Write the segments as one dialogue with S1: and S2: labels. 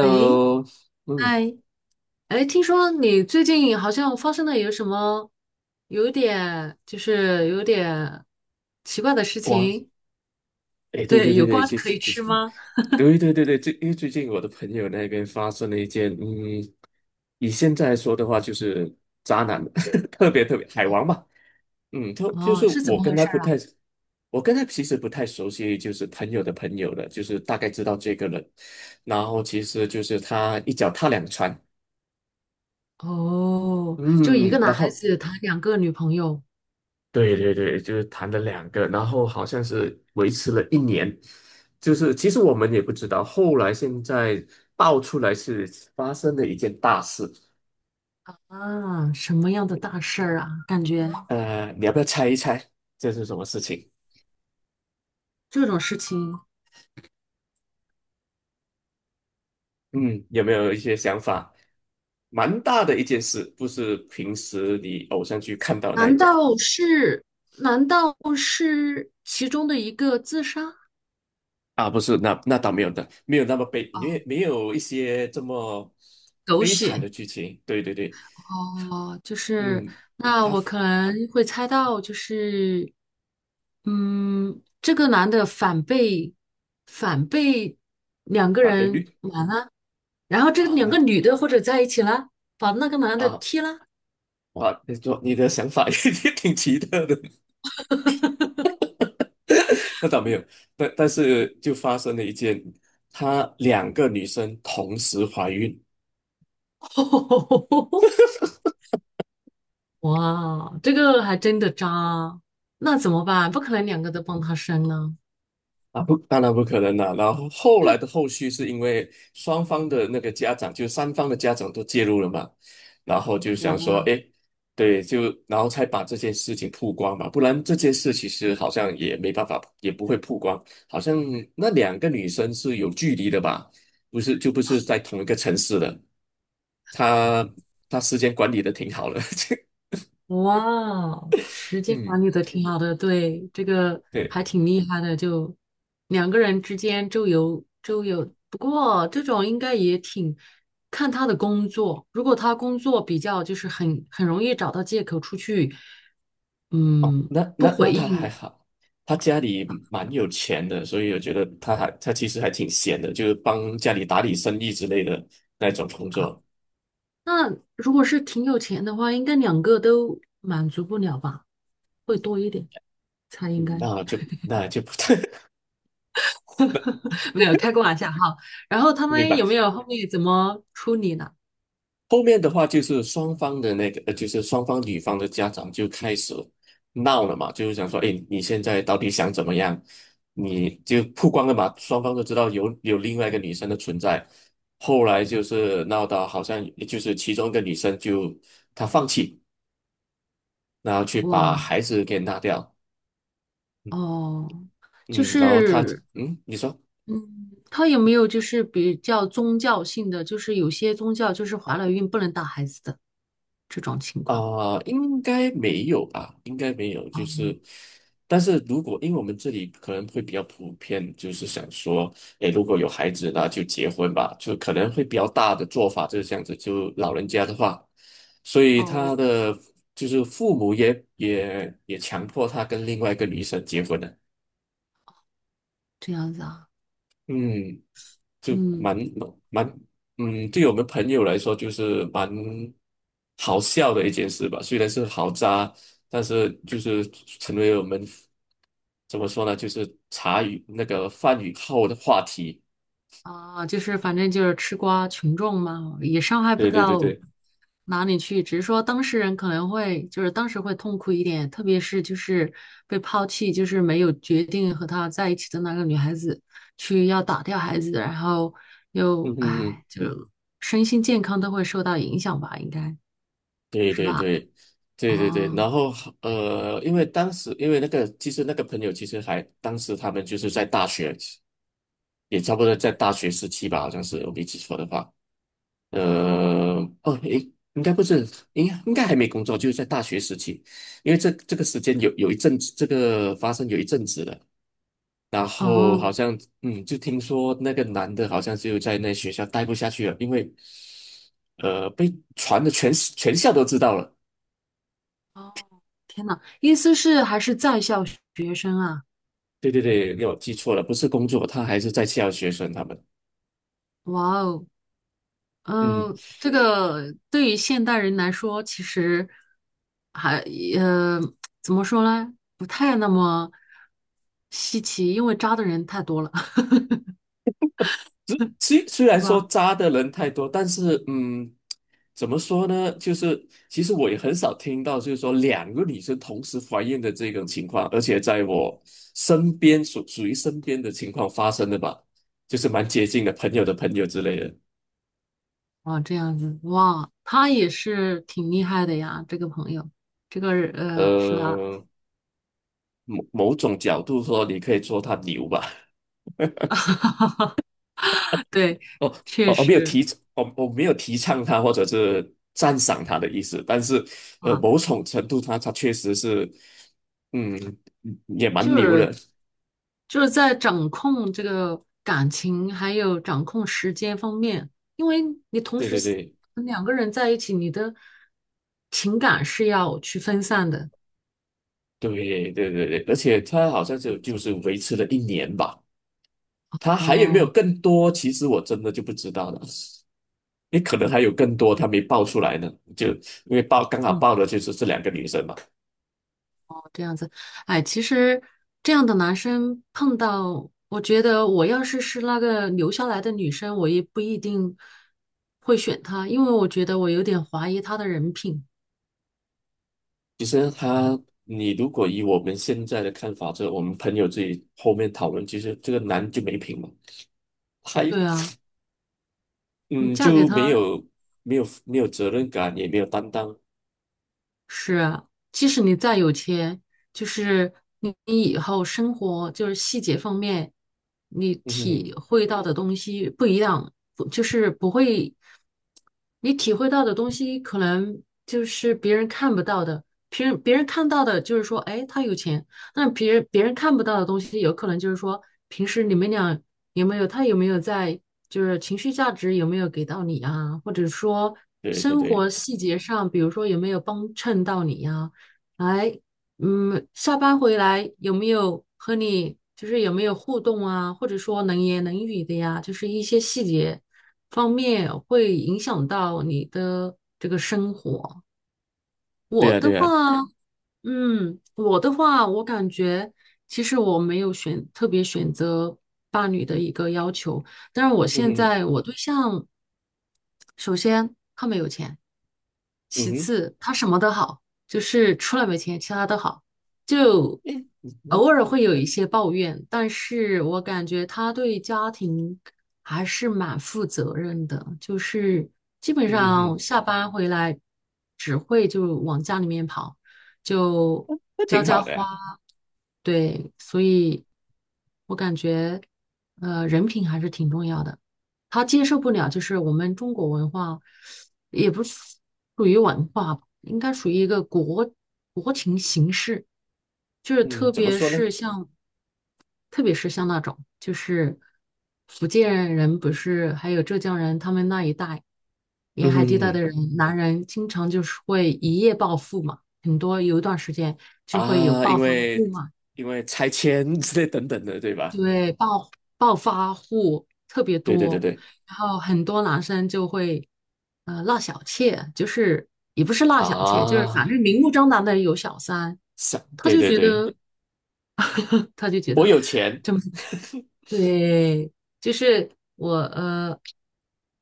S1: 哎，
S2: 嗯，
S1: 嗨，哎，听说你最近好像发生了有什么有一点就是有点奇怪的事
S2: 瓜，
S1: 情。
S2: 哎，对对
S1: 对，
S2: 对
S1: 有
S2: 对，
S1: 瓜
S2: 其
S1: 可
S2: 实
S1: 以
S2: 其
S1: 吃
S2: 实，
S1: 吗？
S2: 对对对对，因为最近我的朋友那边发生了一件，以现在来说的话，就是渣男，特别特别海王嘛，他就
S1: 哦，
S2: 是
S1: 是怎
S2: 我
S1: 么
S2: 跟
S1: 回
S2: 他
S1: 事
S2: 不
S1: 儿
S2: 太，
S1: 啊？
S2: 我跟他其实不太熟悉，就是朋友的朋友了，就是大概知道这个人，然后其实就是他一脚踏两船，
S1: 哦，就一个
S2: 嗯，然
S1: 男孩
S2: 后
S1: 子谈两个女朋友。
S2: 对对对，就是谈了两个，然后好像是维持了一年，就是其实我们也不知道，后来现在爆出来是发生了一件大事。
S1: 啊，什么样的大事儿啊？感觉
S2: 你要不要猜一猜这是什么事情？
S1: 这种事情，
S2: 嗯，有没有一些想法？蛮大的一件事，不是平时你偶像剧看到那一
S1: 难
S2: 种。
S1: 道是难道是其中的一个自杀？
S2: 啊，不是，那倒没有的，没有那么悲，没
S1: 啊，
S2: 没有一些这么
S1: 狗
S2: 悲惨的
S1: 血！
S2: 剧情，对对对，
S1: 哦，就是
S2: 嗯，
S1: 那
S2: 他
S1: 我可能会猜到，就是这个男的反被两个
S2: 反被
S1: 人
S2: 绿。
S1: 瞒了，然后这
S2: 啊，
S1: 两
S2: 那。
S1: 个女的或者在一起了，把那个男的
S2: 啊，
S1: 踢了。
S2: 哇，你说你的想法也 也挺奇特的，那倒没有，但是就发生了一件，她两个女生同时怀孕。
S1: 哇，这个还真的渣，那怎么办？不可能两个都帮他生呢。
S2: 啊，不，当然不可能了。然后后来的后续是因为双方的那个家长，就三方的家长都介入了嘛，然后就想
S1: 哇。
S2: 说，诶，对，就然后才把这件事情曝光嘛，不然这件事其实好像也没办法，也不会曝光，好像那两个女生是有距离的吧，不是就不是在同一个城市的。他他时间管理的挺好的，
S1: 哇，时间
S2: 嗯，
S1: 管理的挺好的，对，这个
S2: 对，
S1: 还挺厉害的，就两个人之间周游周游，不过这种应该也挺看他的工作，如果他工作比较就是很容易找到借口出去。
S2: 哦，
S1: 嗯，
S2: 那
S1: 不
S2: 那那
S1: 回
S2: 他还
S1: 应。
S2: 好，他家里蛮有钱的，所以我觉得他其实还挺闲的，就是帮家里打理生意之类的那种工作，
S1: 那如果是挺有钱的话，应该两个都满足不了吧，会多一点，才应
S2: 嗯，
S1: 该。
S2: 那就那就不 太
S1: 没有开个玩笑哈。然后他
S2: 明
S1: 们有没
S2: 白。
S1: 有后面怎么处理呢？
S2: 后面的话就是双方的那个，就是双方女方的家长就开始闹了嘛，就是想说，哎，你现在到底想怎么样？你就曝光了嘛，双方都知道有另外一个女生的存在。后来就是闹到好像就是其中一个女生就她放弃，然后去把
S1: 哇
S2: 孩子给拿掉，嗯
S1: 哦，就
S2: 嗯，然后她
S1: 是
S2: 你说。
S1: 嗯，他有没有就是比较宗教性的，就是有些宗教就是怀了孕不能打孩子的这种情况？
S2: 应该没有吧？应该没有，就
S1: 哦
S2: 是，但是如果因为我们这里可能会比较普遍，就是想说，诶，如果有孩子，那就结婚吧，就可能会比较大的做法就是这样子，就老人家的话，所以他
S1: 哦，
S2: 的就是父母也强迫他跟另外一个女生结婚了。
S1: 这样子啊，
S2: 嗯。就蛮
S1: 嗯。
S2: 蛮对我们朋友来说就是蛮好笑的一件事吧。虽然是好渣，但是就是成为我们怎么说呢，就是茶余那个饭余后的话题。
S1: 啊，就是反正就是吃瓜群众嘛，也伤害不
S2: 对对对
S1: 到
S2: 对，
S1: 哪里去，只是说当事人可能会就是当时会痛苦一点，特别是就是被抛弃，就是没有决定和他在一起的那个女孩子去要打掉孩子，然后
S2: 嗯
S1: 又
S2: 嗯嗯，
S1: 唉，就身心健康都会受到影响吧，应该
S2: 对
S1: 是
S2: 对
S1: 吧？
S2: 对对对对。
S1: 哦
S2: 然后因为当时因为那个其实那个朋友其实还当时他们就是在大学，也差不多在大学时期吧，好像是我没记错的话。
S1: 哦
S2: 呃，哦，诶，应该不是，应该还没工作，就是在大学时期，因为这个时间有一阵子，这个发生有一阵子了，然后
S1: 哦
S2: 好像就听说那个男的好像就在那学校待不下去了，因为被传的全校都知道了，
S1: 哦，意思是还是在校学生啊？
S2: 对对对，没有记错了，不是工作，他还是在校学生他们，
S1: 哇哦！
S2: 嗯。
S1: 嗯，这个对于现代人来说，其实还呃怎么说呢，不太那么稀奇，因为渣的人太多了。
S2: 虽虽
S1: 是
S2: 然说
S1: 吧？
S2: 渣的人太多，但是怎么说呢？就是其实我也很少听到，就是说两个女生同时怀孕的这种情况，而且在我身边属于身边的情况发生的吧，就是蛮接近的朋友的朋友之类的。
S1: 啊，这样子，哇，他也是挺厉害的呀，这个朋友，这个是吧？
S2: 呃，某种角度说，你可以说他牛吧。
S1: 对，
S2: 哦
S1: 确
S2: 哦哦，没有
S1: 实
S2: 提，我没有提倡他或者是赞赏他的意思，但是
S1: 啊，
S2: 某种程度他确实是，嗯，也蛮
S1: 就
S2: 牛的，
S1: 是。就是在掌控这个感情，还有掌控时间方面，因为你同
S2: 对
S1: 时
S2: 对对
S1: 两个人在一起，你的情感是要去分散的。
S2: 对对对对，而且他好像就是维持了一年吧，他还有没有
S1: 哦，
S2: 更多？其实我真的就不知道了，也可能还有更多他没爆出来呢，就因为爆刚好
S1: 嗯，
S2: 爆的就是这两个女生嘛。
S1: 这样子，哎，其实这样的男生碰到，我觉得我要是是那个留下来的女生，我也不一定会选他，因为我觉得我有点怀疑他的人品。
S2: 其实他，你如果以我们现在的看法，这我们朋友自己后面讨论，其实这个男就没品嘛，还
S1: 对啊，你
S2: 嗯
S1: 嫁给
S2: 就没
S1: 他。
S2: 有没有没有责任感，也没有担当。
S1: 是啊，即使你再有钱，就是你以后生活就是细节方面，你
S2: 嗯
S1: 体
S2: 哼，
S1: 会到的东西不一样，不就是不会。你体会到的东西可能就是别人看不到的，别人看到的就是说，哎，他有钱，那别人看不到的东西，有可能就是说，平时你们俩有没有他有没有在，就是情绪价值有没有给到你啊，或者说
S2: 对对
S1: 生
S2: 对，
S1: 活细节上，比如说有没有帮衬到你呀、哎，嗯，下班回来有没有和你就是有没有互动啊，或者说能言能语的呀？就是一些细节方面会影响到你的这个生活。
S2: 对
S1: 我
S2: 啊
S1: 的
S2: 对啊，
S1: 话，我的话，我感觉其实我没有特别选择伴侣的一个要求，但是我
S2: 嗯
S1: 现
S2: 哼
S1: 在我对象，首先他没有钱，
S2: 嗯
S1: 其
S2: 哼，
S1: 次他什么都好，就是除了没钱，其他都好。就
S2: 诶，那
S1: 偶尔会有一些抱怨，但是我感觉他对家庭还是蛮负责任的，就是基本
S2: 嗯哼，
S1: 上下班回来只会就往家里面跑，就
S2: 那
S1: 浇
S2: 挺好
S1: 浇
S2: 的
S1: 花，
S2: 呀
S1: 对，所以我感觉，人品还是挺重要的。他接受不了，就是我们中国文化，也不属于文化吧，应该属于一个国情形式，就是
S2: 嗯，怎么说呢？
S1: 特别是像，那种，就是福建人不是，还有浙江人，他们那一带沿
S2: 嗯
S1: 海地带
S2: 哼
S1: 的人，男人经常就是会一夜暴富嘛，很多有一段时间就会有
S2: 啊，
S1: 暴
S2: 因
S1: 发
S2: 为
S1: 户嘛。
S2: 拆迁之类等等的，对吧？
S1: 对，暴发户特别
S2: 对对对
S1: 多，
S2: 对
S1: 然后很多男生就会，纳小妾，就是也不是纳小妾，就是反
S2: 啊，
S1: 正明目张胆的有小三，
S2: 想
S1: 他
S2: 对
S1: 就
S2: 对
S1: 觉
S2: 对，
S1: 得 他就觉
S2: 我
S1: 得
S2: 有钱。
S1: 这么 对，就是我呃，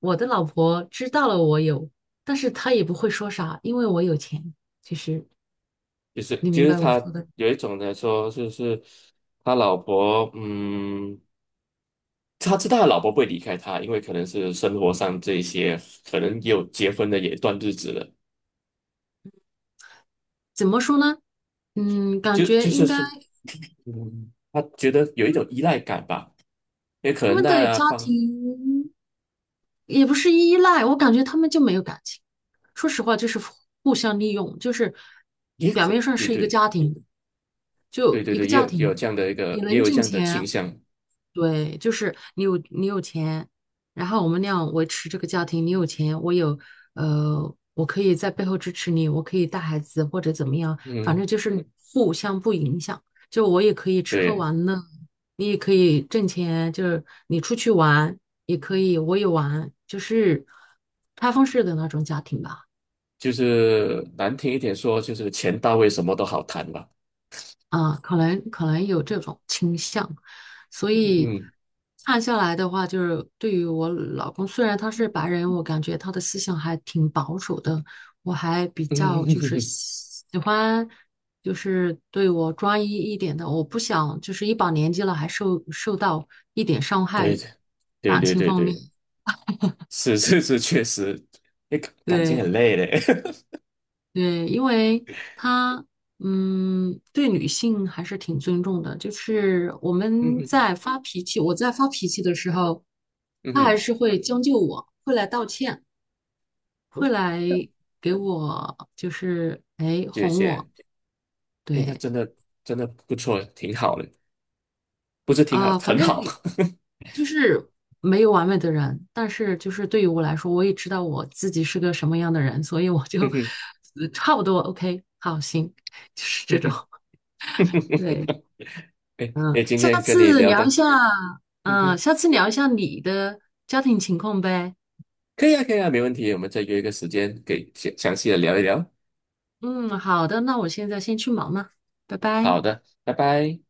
S1: 我的老婆知道了我有，但是她也不会说啥，因为我有钱，其实
S2: 就是
S1: 你
S2: 就
S1: 明
S2: 是
S1: 白我
S2: 他
S1: 说的，
S2: 有一种来说，就是他老婆，他知道他老婆不会离开他，因为可能是生活上这一些，可能也有结婚的也一段日子了，
S1: 怎么说呢？嗯，感
S2: 就就
S1: 觉
S2: 是
S1: 应该。
S2: 说，他觉得有一种依赖感吧，也可
S1: 他
S2: 能
S1: 们的
S2: 那
S1: 家
S2: 方
S1: 庭也不是依赖，我感觉他们就没有感情。说实话，就是互相利用，就是表面上
S2: 对
S1: 是一个
S2: 对
S1: 家庭，就
S2: 对对
S1: 一个
S2: 对，也
S1: 家
S2: 有也有
S1: 庭，
S2: 这样的一
S1: 你
S2: 个也
S1: 能
S2: 有这
S1: 挣
S2: 样的
S1: 钱，
S2: 倾向，
S1: 对，就是你有钱，然后我们俩维持这个家庭，你有钱，我有，我可以在背后支持你，我可以带孩子或者怎么样，反正
S2: 嗯，
S1: 就是互相不影响。就我也可以吃喝
S2: 对，
S1: 玩乐，你也可以挣钱，就是你出去玩也可以，我也玩，就是开放式的那种家庭吧。
S2: 就是难听一点说，就是钱到位什么都好谈吧，
S1: 啊，可能有这种倾向，所以
S2: 嗯
S1: 看下来的话，就是对于我老公，虽然他是白人，我感觉他的思想还挺保守的，我还比较就是
S2: 嗯，
S1: 喜欢，就是对我专一一点的，我不想就是一把年纪了还受到一点伤
S2: 对
S1: 害，
S2: 对
S1: 感
S2: 对
S1: 情
S2: 对
S1: 方面，
S2: 对。是是是，确实，哎，感情
S1: 对。
S2: 很累嘞。
S1: 对，因为他对女性还是挺尊重的。就是我
S2: 嗯
S1: 们
S2: 哼，
S1: 在发脾气，我在发脾气的时候，
S2: 嗯
S1: 他还
S2: 哼，
S1: 是会将就我，会来道歉，
S2: 哦
S1: 会来给我就是哎
S2: 谢
S1: 哄
S2: 谢。
S1: 我。
S2: 哎，那
S1: 对
S2: 真的真的不错，挺好的，不是挺好，
S1: 啊，反
S2: 很
S1: 正
S2: 好。
S1: 就是没有完美的人，但是就是对于我来说，我也知道我自己是个什么样的人，所以我
S2: 嗯
S1: 就
S2: 哼，
S1: 差不多 OK，好，行，就是
S2: 嗯
S1: 这种。
S2: 哼，
S1: 对。
S2: 哎
S1: 嗯，
S2: 哎，今天跟你聊的，嗯哼，
S1: 下次聊一下你的家庭情况呗。
S2: 可以啊，可以啊，没问题。我们再约一个时间，给详细的聊一聊。
S1: 嗯，好的，那我现在先去忙了，拜
S2: 好
S1: 拜。
S2: 的，拜拜。